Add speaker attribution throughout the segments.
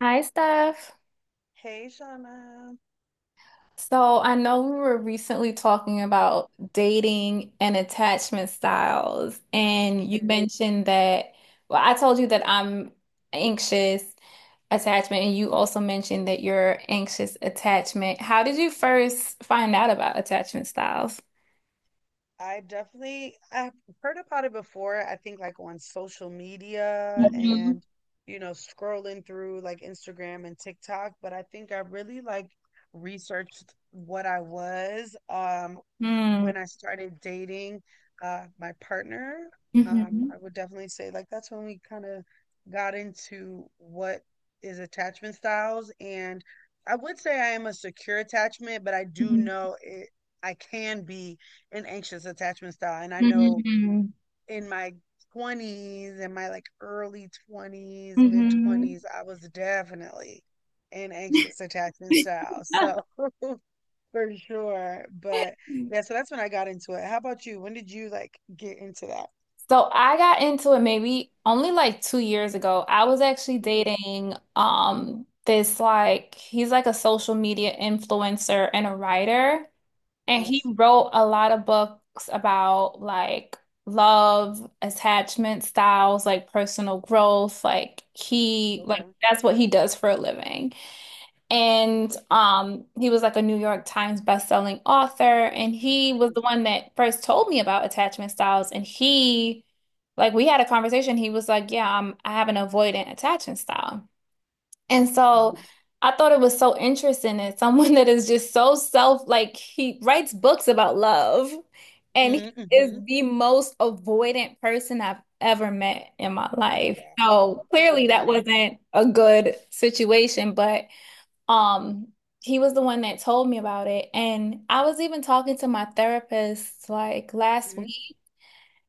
Speaker 1: Hi, Steph.
Speaker 2: Hey, Shauna.
Speaker 1: So I know we were recently talking about dating and attachment styles, and you mentioned that, well, I told you that I'm anxious attachment, and you also mentioned that you're anxious attachment. How did you first find out about attachment styles?
Speaker 2: I've heard about it before. I think like on social media
Speaker 1: Mm-hmm.
Speaker 2: and scrolling through like Instagram and TikTok, but I think I really like researched what I was
Speaker 1: Mm-hmm.
Speaker 2: when I started dating my partner.
Speaker 1: Mm-hmm.
Speaker 2: I would definitely say like that's when we kind of got into what is attachment styles, and I would say I am a secure attachment, but I do know it I can be an anxious attachment style. And I know
Speaker 1: Mm-hmm.
Speaker 2: in my 20s and my like early 20s, mid 20s, I was definitely an anxious attachment
Speaker 1: Mm-hmm.
Speaker 2: style. So for sure. But yeah, so that's when I got into it. How about you? When did you like get into that?
Speaker 1: So I got into it maybe only like 2 years ago. I was actually
Speaker 2: Okay.
Speaker 1: dating this like he's like a social media influencer and a writer, and he
Speaker 2: Nice.
Speaker 1: wrote a lot of books about like love, attachment styles, like personal growth. Like he like
Speaker 2: Okay.
Speaker 1: that's what he does for a living. And he was like a New York Times best-selling author, and he was the
Speaker 2: Nice.
Speaker 1: one that first told me about attachment styles. And he, like, we had a conversation. He was like, "Yeah, I have an avoidant attachment style." And so
Speaker 2: Mm-hmm.
Speaker 1: I thought it was so interesting that someone that is just so self, like, he writes books about love, and he is
Speaker 2: Mm-hmm.
Speaker 1: the most avoidant person I've ever met in my
Speaker 2: Oh
Speaker 1: life.
Speaker 2: wow.
Speaker 1: So
Speaker 2: Oh
Speaker 1: clearly, that
Speaker 2: wow.
Speaker 1: wasn't a good situation, but. Um, he was the one that told me about it. And I was even talking to my therapist like last
Speaker 2: Hmm.
Speaker 1: week,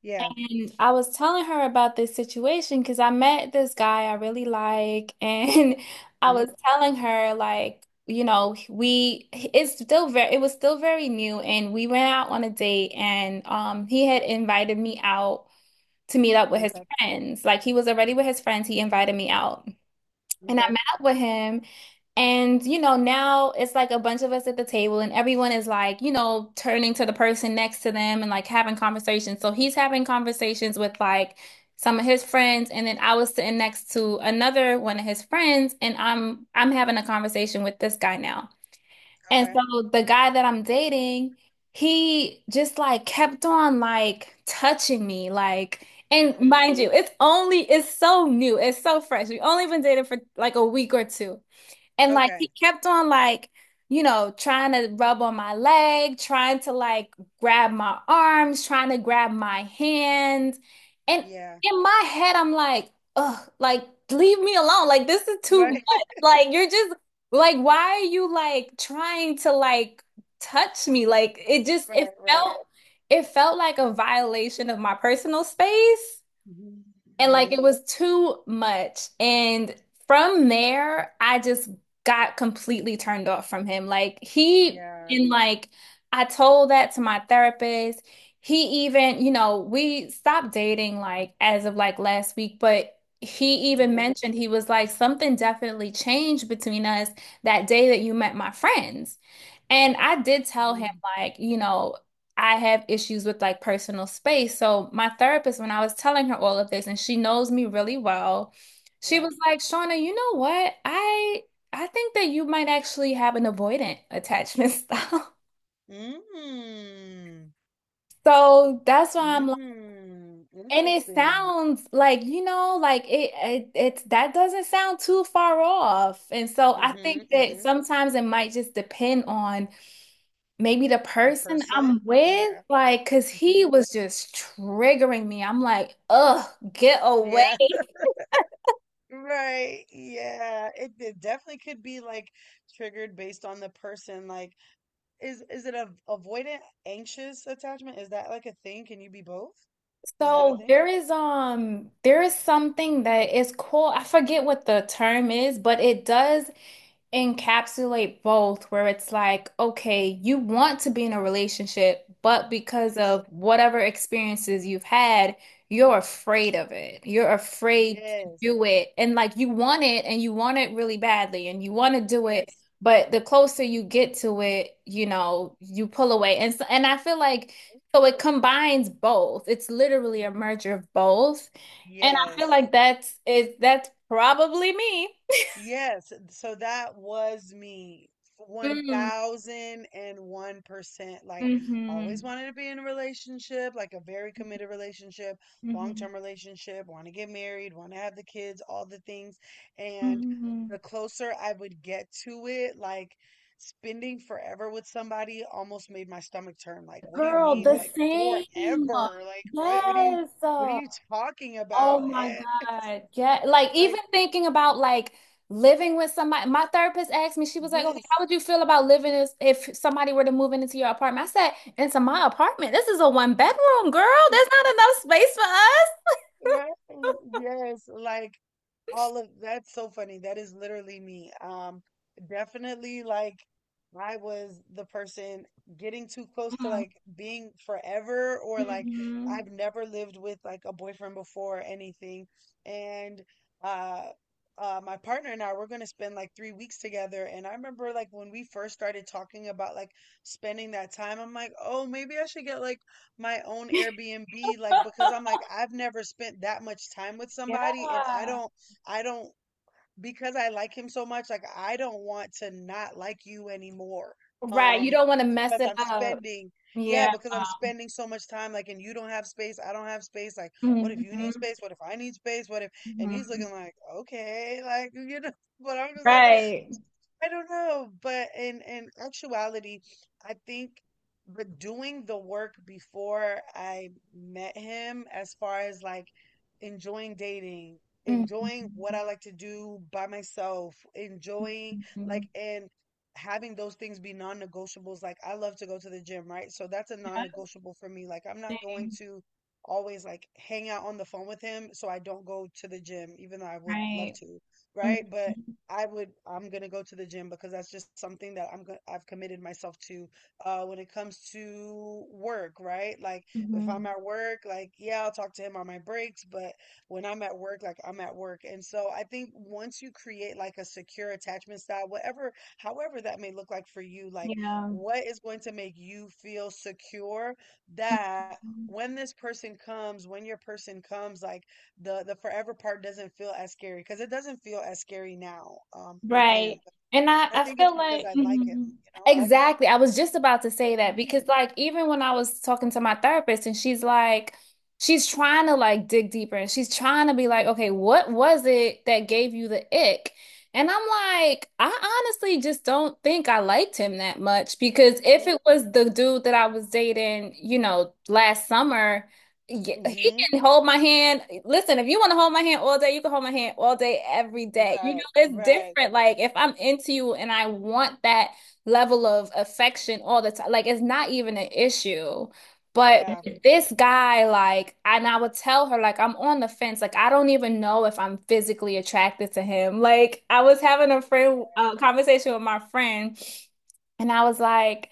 Speaker 2: Yeah.
Speaker 1: and I was telling her about this situation because I met this guy I really like, and I was
Speaker 2: Hmm.
Speaker 1: telling her like, you know, we it's still very it was still very new, and we went out on a date, and he had invited me out to meet up with his
Speaker 2: Okay.
Speaker 1: friends. Like he was already with his friends, he invited me out. And I
Speaker 2: Okay.
Speaker 1: met up with him. And, you know, now it's like a bunch of us at the table, and everyone is like, you know, turning to the person next to them and like having conversations. So he's having conversations with like some of his friends, and then I was sitting next to another one of his friends, and I'm having a conversation with this guy now. And
Speaker 2: Okay.
Speaker 1: so the guy that I'm dating, he just like kept on like touching me, like, and
Speaker 2: Hmm.
Speaker 1: mind you, it's so new, it's so fresh. We only been dating for like a week or two. And like he
Speaker 2: Okay.
Speaker 1: kept on like, you know, trying to rub on my leg, trying to like grab my arms, trying to grab my hands. And
Speaker 2: Yeah.
Speaker 1: in my head, I'm like, ugh, like leave me alone. Like this is too much.
Speaker 2: Right.
Speaker 1: Like you're just like, why are you like trying to like touch me? Like
Speaker 2: Right. Right.
Speaker 1: it felt like a violation of my personal space.
Speaker 2: Mhm.
Speaker 1: And like it
Speaker 2: Mhm.
Speaker 1: was too much. And from there, I just got completely turned off from him. Like he,
Speaker 2: Yeah.
Speaker 1: and like I told that to my therapist. He even, you know, we stopped dating like as of like last week, but he even
Speaker 2: Mhm.
Speaker 1: mentioned he was like, something definitely changed between us that day that you met my friends. And I did tell him,
Speaker 2: Mm.
Speaker 1: like, you know, I have issues with like personal space. So my therapist, when I was telling her all of this, and she knows me really well, she
Speaker 2: Yeah.
Speaker 1: was like, Shauna, you know what? I think that you might actually have an avoidant attachment style.
Speaker 2: Mm.
Speaker 1: So that's why I'm like,
Speaker 2: Mm.
Speaker 1: and it
Speaker 2: Interesting.
Speaker 1: sounds like, you know, it's that doesn't sound too far off. And so I think
Speaker 2: Mhm.
Speaker 1: that
Speaker 2: Mhm.
Speaker 1: sometimes it might just depend on maybe the
Speaker 2: The
Speaker 1: person
Speaker 2: person.
Speaker 1: I'm with,
Speaker 2: Yeah.
Speaker 1: like, cause he
Speaker 2: Mhm.
Speaker 1: was just triggering me. I'm like, ugh, get away.
Speaker 2: Yeah. Right. Yeah. It definitely could be like triggered based on the person. Like, is it a avoidant, anxious attachment? Is that like a thing? Can you be both? Is that a
Speaker 1: So
Speaker 2: thing?
Speaker 1: there is something that is cool. I forget what the term is, but it does encapsulate both where it's like, okay, you want to be in a relationship, but because of whatever experiences you've had, you're afraid of it. You're afraid to
Speaker 2: Yes.
Speaker 1: do it. And like you want it and you want it really badly and you want to do it,
Speaker 2: Yes.
Speaker 1: but the closer you get to it, you know, you pull away. And so, and I feel like so it combines both. It's literally a merger of both. And I feel
Speaker 2: Yes.
Speaker 1: like that's probably me.
Speaker 2: Yes, so that was me.
Speaker 1: Mm.
Speaker 2: 1001%. Like,
Speaker 1: Mm-hmm.
Speaker 2: always wanted to be in a relationship, like a very committed relationship,
Speaker 1: Mm-hmm.
Speaker 2: long-term relationship, want to get married, want to have the kids, all the things. And
Speaker 1: Hmm.
Speaker 2: the closer I would get to it, like spending forever with somebody almost made my stomach turn. Like, what do you
Speaker 1: Girl, the
Speaker 2: mean?
Speaker 1: Yeah.
Speaker 2: Like
Speaker 1: same.
Speaker 2: forever? Like,
Speaker 1: Yes.
Speaker 2: what are you talking
Speaker 1: Oh
Speaker 2: about?
Speaker 1: my
Speaker 2: And
Speaker 1: God. Yeah. Like
Speaker 2: like,
Speaker 1: even thinking about like living with somebody. My therapist asked me, she was like, okay,
Speaker 2: yes.
Speaker 1: how would you feel about if somebody were to move in into your apartment? I said, into my apartment. This is a one bedroom, girl. There's not enough space for us.
Speaker 2: Right? Yes, like all of that's so funny. That is literally me. Definitely like I was the person getting too close to like being forever, or like
Speaker 1: Mm-hmm.
Speaker 2: I've never lived with like a boyfriend before or anything. And uh my partner and I we're gonna spend like 3 weeks together. And I remember like when we first started talking about like spending that time, I'm like, oh, maybe I should get like my own Airbnb, like, because I'm like I've never spent that much time with somebody, and I
Speaker 1: Yeah.
Speaker 2: don't I don't because I like him so much, like I don't want to not like you anymore,
Speaker 1: Right. You
Speaker 2: um
Speaker 1: don't want to mess
Speaker 2: because
Speaker 1: it
Speaker 2: I'm
Speaker 1: up.
Speaker 2: spending, yeah,
Speaker 1: Yeah.
Speaker 2: because I'm spending so much time, like, and you don't have space, I don't have space, like what if you need
Speaker 1: Hmm.
Speaker 2: space, what if I need space, what if, and he's looking like, okay, like. But I'm just like,
Speaker 1: Right.
Speaker 2: I don't know, but in actuality, I think, but doing the work before I met him, as far as like enjoying dating, enjoying what
Speaker 1: Mhm.
Speaker 2: I like to do by myself, enjoying,
Speaker 1: Mhm.
Speaker 2: like, and having those things be non-negotiables. Like, I love to go to the gym, right? So that's a
Speaker 1: Yeah,
Speaker 2: non-negotiable for me. Like, I'm not going
Speaker 1: same.
Speaker 2: to always like hang out on the phone with him, so I don't go to the gym, even though I would love
Speaker 1: Right.
Speaker 2: to,
Speaker 1: Mhm.
Speaker 2: right? But I'm gonna go to the gym because that's just something that I've committed myself to. When it comes to work, right? Like if I'm
Speaker 1: Mhm.
Speaker 2: at work, like, yeah, I'll talk to him on my breaks, but when I'm at work, like, I'm at work. And so I think once you create like a secure attachment style, whatever, however that may look like for you, like
Speaker 1: Yeah.
Speaker 2: what is going to make you feel secure that
Speaker 1: Mhm.
Speaker 2: when this person comes, when your person comes, like the forever part doesn't feel as scary because it doesn't feel as scary now with him.
Speaker 1: Right. And I,
Speaker 2: I
Speaker 1: I
Speaker 2: think it's
Speaker 1: feel
Speaker 2: because
Speaker 1: like,
Speaker 2: I like him,
Speaker 1: mhm,
Speaker 2: you know.
Speaker 1: exactly. I was just about to say that because like even when I was talking to my therapist and she's like she's trying to like dig deeper and she's trying to be like, okay, what was it that gave you the ick? And I'm like, I honestly just don't think I liked him that much because if
Speaker 2: Mhm.
Speaker 1: it was the dude that I was dating, you know, last summer yeah,
Speaker 2: Mhm.
Speaker 1: he
Speaker 2: Mhm.
Speaker 1: can hold my hand. Listen, if you want to hold my hand all day, you can hold my hand all day, every day. You
Speaker 2: Right.
Speaker 1: know, it's
Speaker 2: Right.
Speaker 1: different. Like if I'm into you and I want that level of affection all the time, like it's not even an issue. But
Speaker 2: Yeah.
Speaker 1: with this guy, like, and I would tell her, like, I'm on the fence. Like, I don't even know if I'm physically attracted to him. Like, I was having a friend conversation with my friend, and I was like.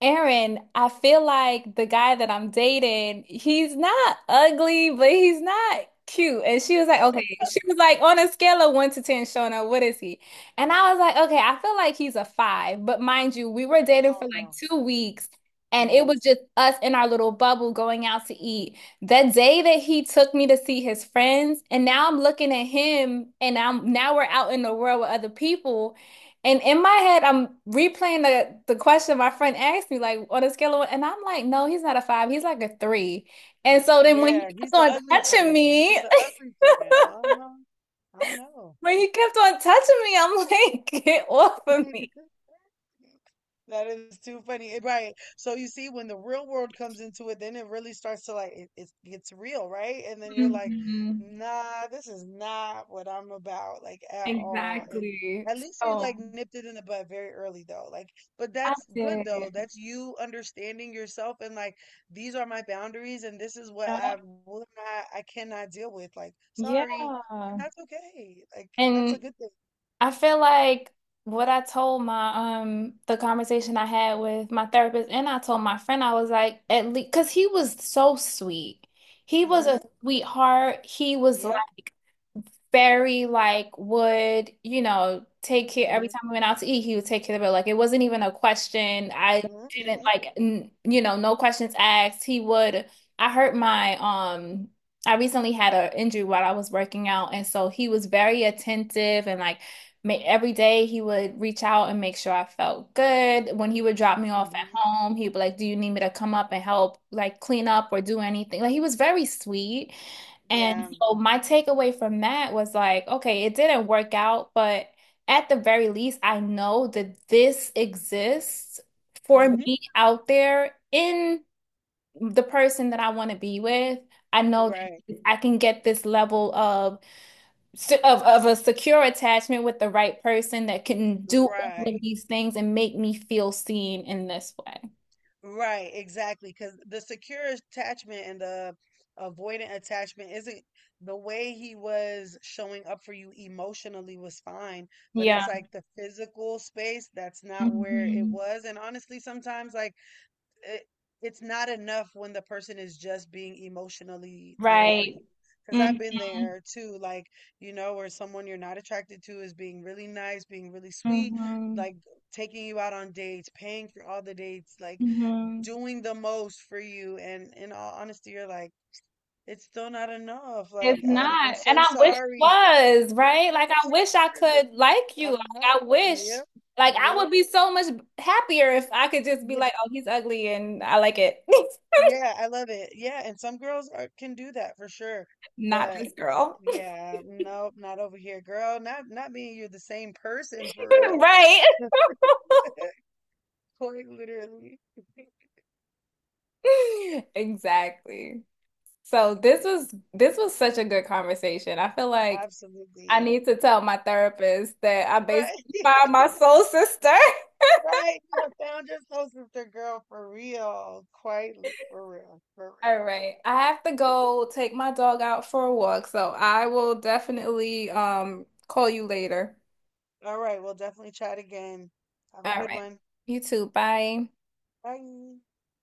Speaker 1: Aaron, I feel like the guy that I'm dating, he's not ugly, but he's not cute. And she was like,
Speaker 2: Ew.
Speaker 1: okay, she was like, on a scale of one to 10, Shona, what is he? And I was like, okay, I feel like he's a five. But mind you, we were dating for
Speaker 2: Oh
Speaker 1: like
Speaker 2: no.
Speaker 1: 2 weeks, and it
Speaker 2: No.
Speaker 1: was just us in our little bubble going out to eat. That day that he took me to see his friends, and now I'm looking at him, and I'm now we're out in the world with other people. And in my head, I'm replaying the question my friend asked me, like on a scale of, one, and I'm like, no, he's not a five, he's like a three. And so then when he
Speaker 2: Yeah, he's
Speaker 1: kept
Speaker 2: the
Speaker 1: on
Speaker 2: ugly
Speaker 1: touching
Speaker 2: friend. He was
Speaker 1: me,
Speaker 2: the ugly friend. Uh-huh. I know.
Speaker 1: when he kept on touching me, I'm like, get off of me.
Speaker 2: That is too funny. Right. So you see, when the real world comes into it, then it really starts to like it gets real, right? And then you're like,
Speaker 1: Mhm.
Speaker 2: nah, this is not what I'm about, like at all. And
Speaker 1: Exactly.
Speaker 2: at least you
Speaker 1: So
Speaker 2: like nipped it in the bud very early though. Like, but
Speaker 1: I
Speaker 2: that's good
Speaker 1: did.
Speaker 2: though. That's you understanding yourself and like these are my boundaries, and this is what
Speaker 1: Yeah.
Speaker 2: I will not, I cannot deal with. Like,
Speaker 1: Yeah.
Speaker 2: sorry. And that's okay. Like, that's
Speaker 1: And
Speaker 2: a good thing.
Speaker 1: I feel like what I told my the conversation I had with my therapist and I told my friend I was like at least because he was so sweet. He was a
Speaker 2: Mm-hmm.
Speaker 1: sweetheart. He was
Speaker 2: Yeah.
Speaker 1: very like would, you know, take care every
Speaker 2: Mm-hmm.
Speaker 1: time we went out to eat, he would take care of it. Like it wasn't even a question. I
Speaker 2: Mm-hmm.
Speaker 1: didn't
Speaker 2: Mm-hmm.
Speaker 1: like, n you know, no questions asked. He would, I hurt my, um, I recently had an injury while I was working out. And so he was very attentive and like every day he would reach out and make sure I felt good. When he would drop me off at
Speaker 2: Mhm.
Speaker 1: home, he'd be like, do you need me to come up and help like clean up or do anything? Like he was very sweet. And
Speaker 2: Yeah.
Speaker 1: so my takeaway from that was like, okay, it didn't work out, but at the very least, I know that this exists for
Speaker 2: Mhm.
Speaker 1: me out there in the person that I want to be with. I know
Speaker 2: Right.
Speaker 1: that I can get this level of a secure attachment with the right person that can do all of
Speaker 2: Right.
Speaker 1: these things and make me feel seen in this way.
Speaker 2: Right. Exactly. Because the secure attachment and the avoidant attachment isn't, the way he was showing up for you emotionally was fine, but
Speaker 1: Yeah.
Speaker 2: it's like the physical space that's not where it
Speaker 1: Mhm.
Speaker 2: was. And honestly, sometimes like it, it's not enough when the person is just being emotionally there for
Speaker 1: Right.
Speaker 2: you. Because
Speaker 1: Hmm.
Speaker 2: I've been there too, like, where someone you're not attracted to is being really nice, being really sweet,
Speaker 1: Hmm.
Speaker 2: like taking you out on dates, paying for all the dates, like
Speaker 1: Hmm.
Speaker 2: doing the most for you. And in all honesty, you're like, it's still not enough. Like,
Speaker 1: It's
Speaker 2: I'm
Speaker 1: not. And
Speaker 2: so
Speaker 1: I wish it
Speaker 2: sorry.
Speaker 1: was, right?
Speaker 2: And I
Speaker 1: Like I
Speaker 2: wish it
Speaker 1: wish I
Speaker 2: wasn't.
Speaker 1: could like you.
Speaker 2: Uh-huh.
Speaker 1: Like I wish
Speaker 2: Yep.
Speaker 1: like I
Speaker 2: Yep.
Speaker 1: would be so much happier if I could just be like, oh, he's ugly and I like it.
Speaker 2: Yeah, I love it. Yeah, and some girls can do that for sure.
Speaker 1: Not
Speaker 2: But
Speaker 1: this girl.
Speaker 2: yeah, nope, not over here, girl. Not me, and you're the same person for real.
Speaker 1: Right.
Speaker 2: Quite literally.
Speaker 1: Exactly. So this was such a good conversation. I feel like I
Speaker 2: Absolutely.
Speaker 1: need to tell my therapist that I basically
Speaker 2: Right.
Speaker 1: found my soul sister.
Speaker 2: Right. Found your soul sister girl for real. Quite for real. For real,
Speaker 1: All
Speaker 2: for real.
Speaker 1: right. I have to go take my dog out for a walk, so I will definitely call you later.
Speaker 2: All right, we'll definitely chat again. Have a
Speaker 1: All
Speaker 2: good
Speaker 1: right.
Speaker 2: one.
Speaker 1: You too. Bye.
Speaker 2: Bye.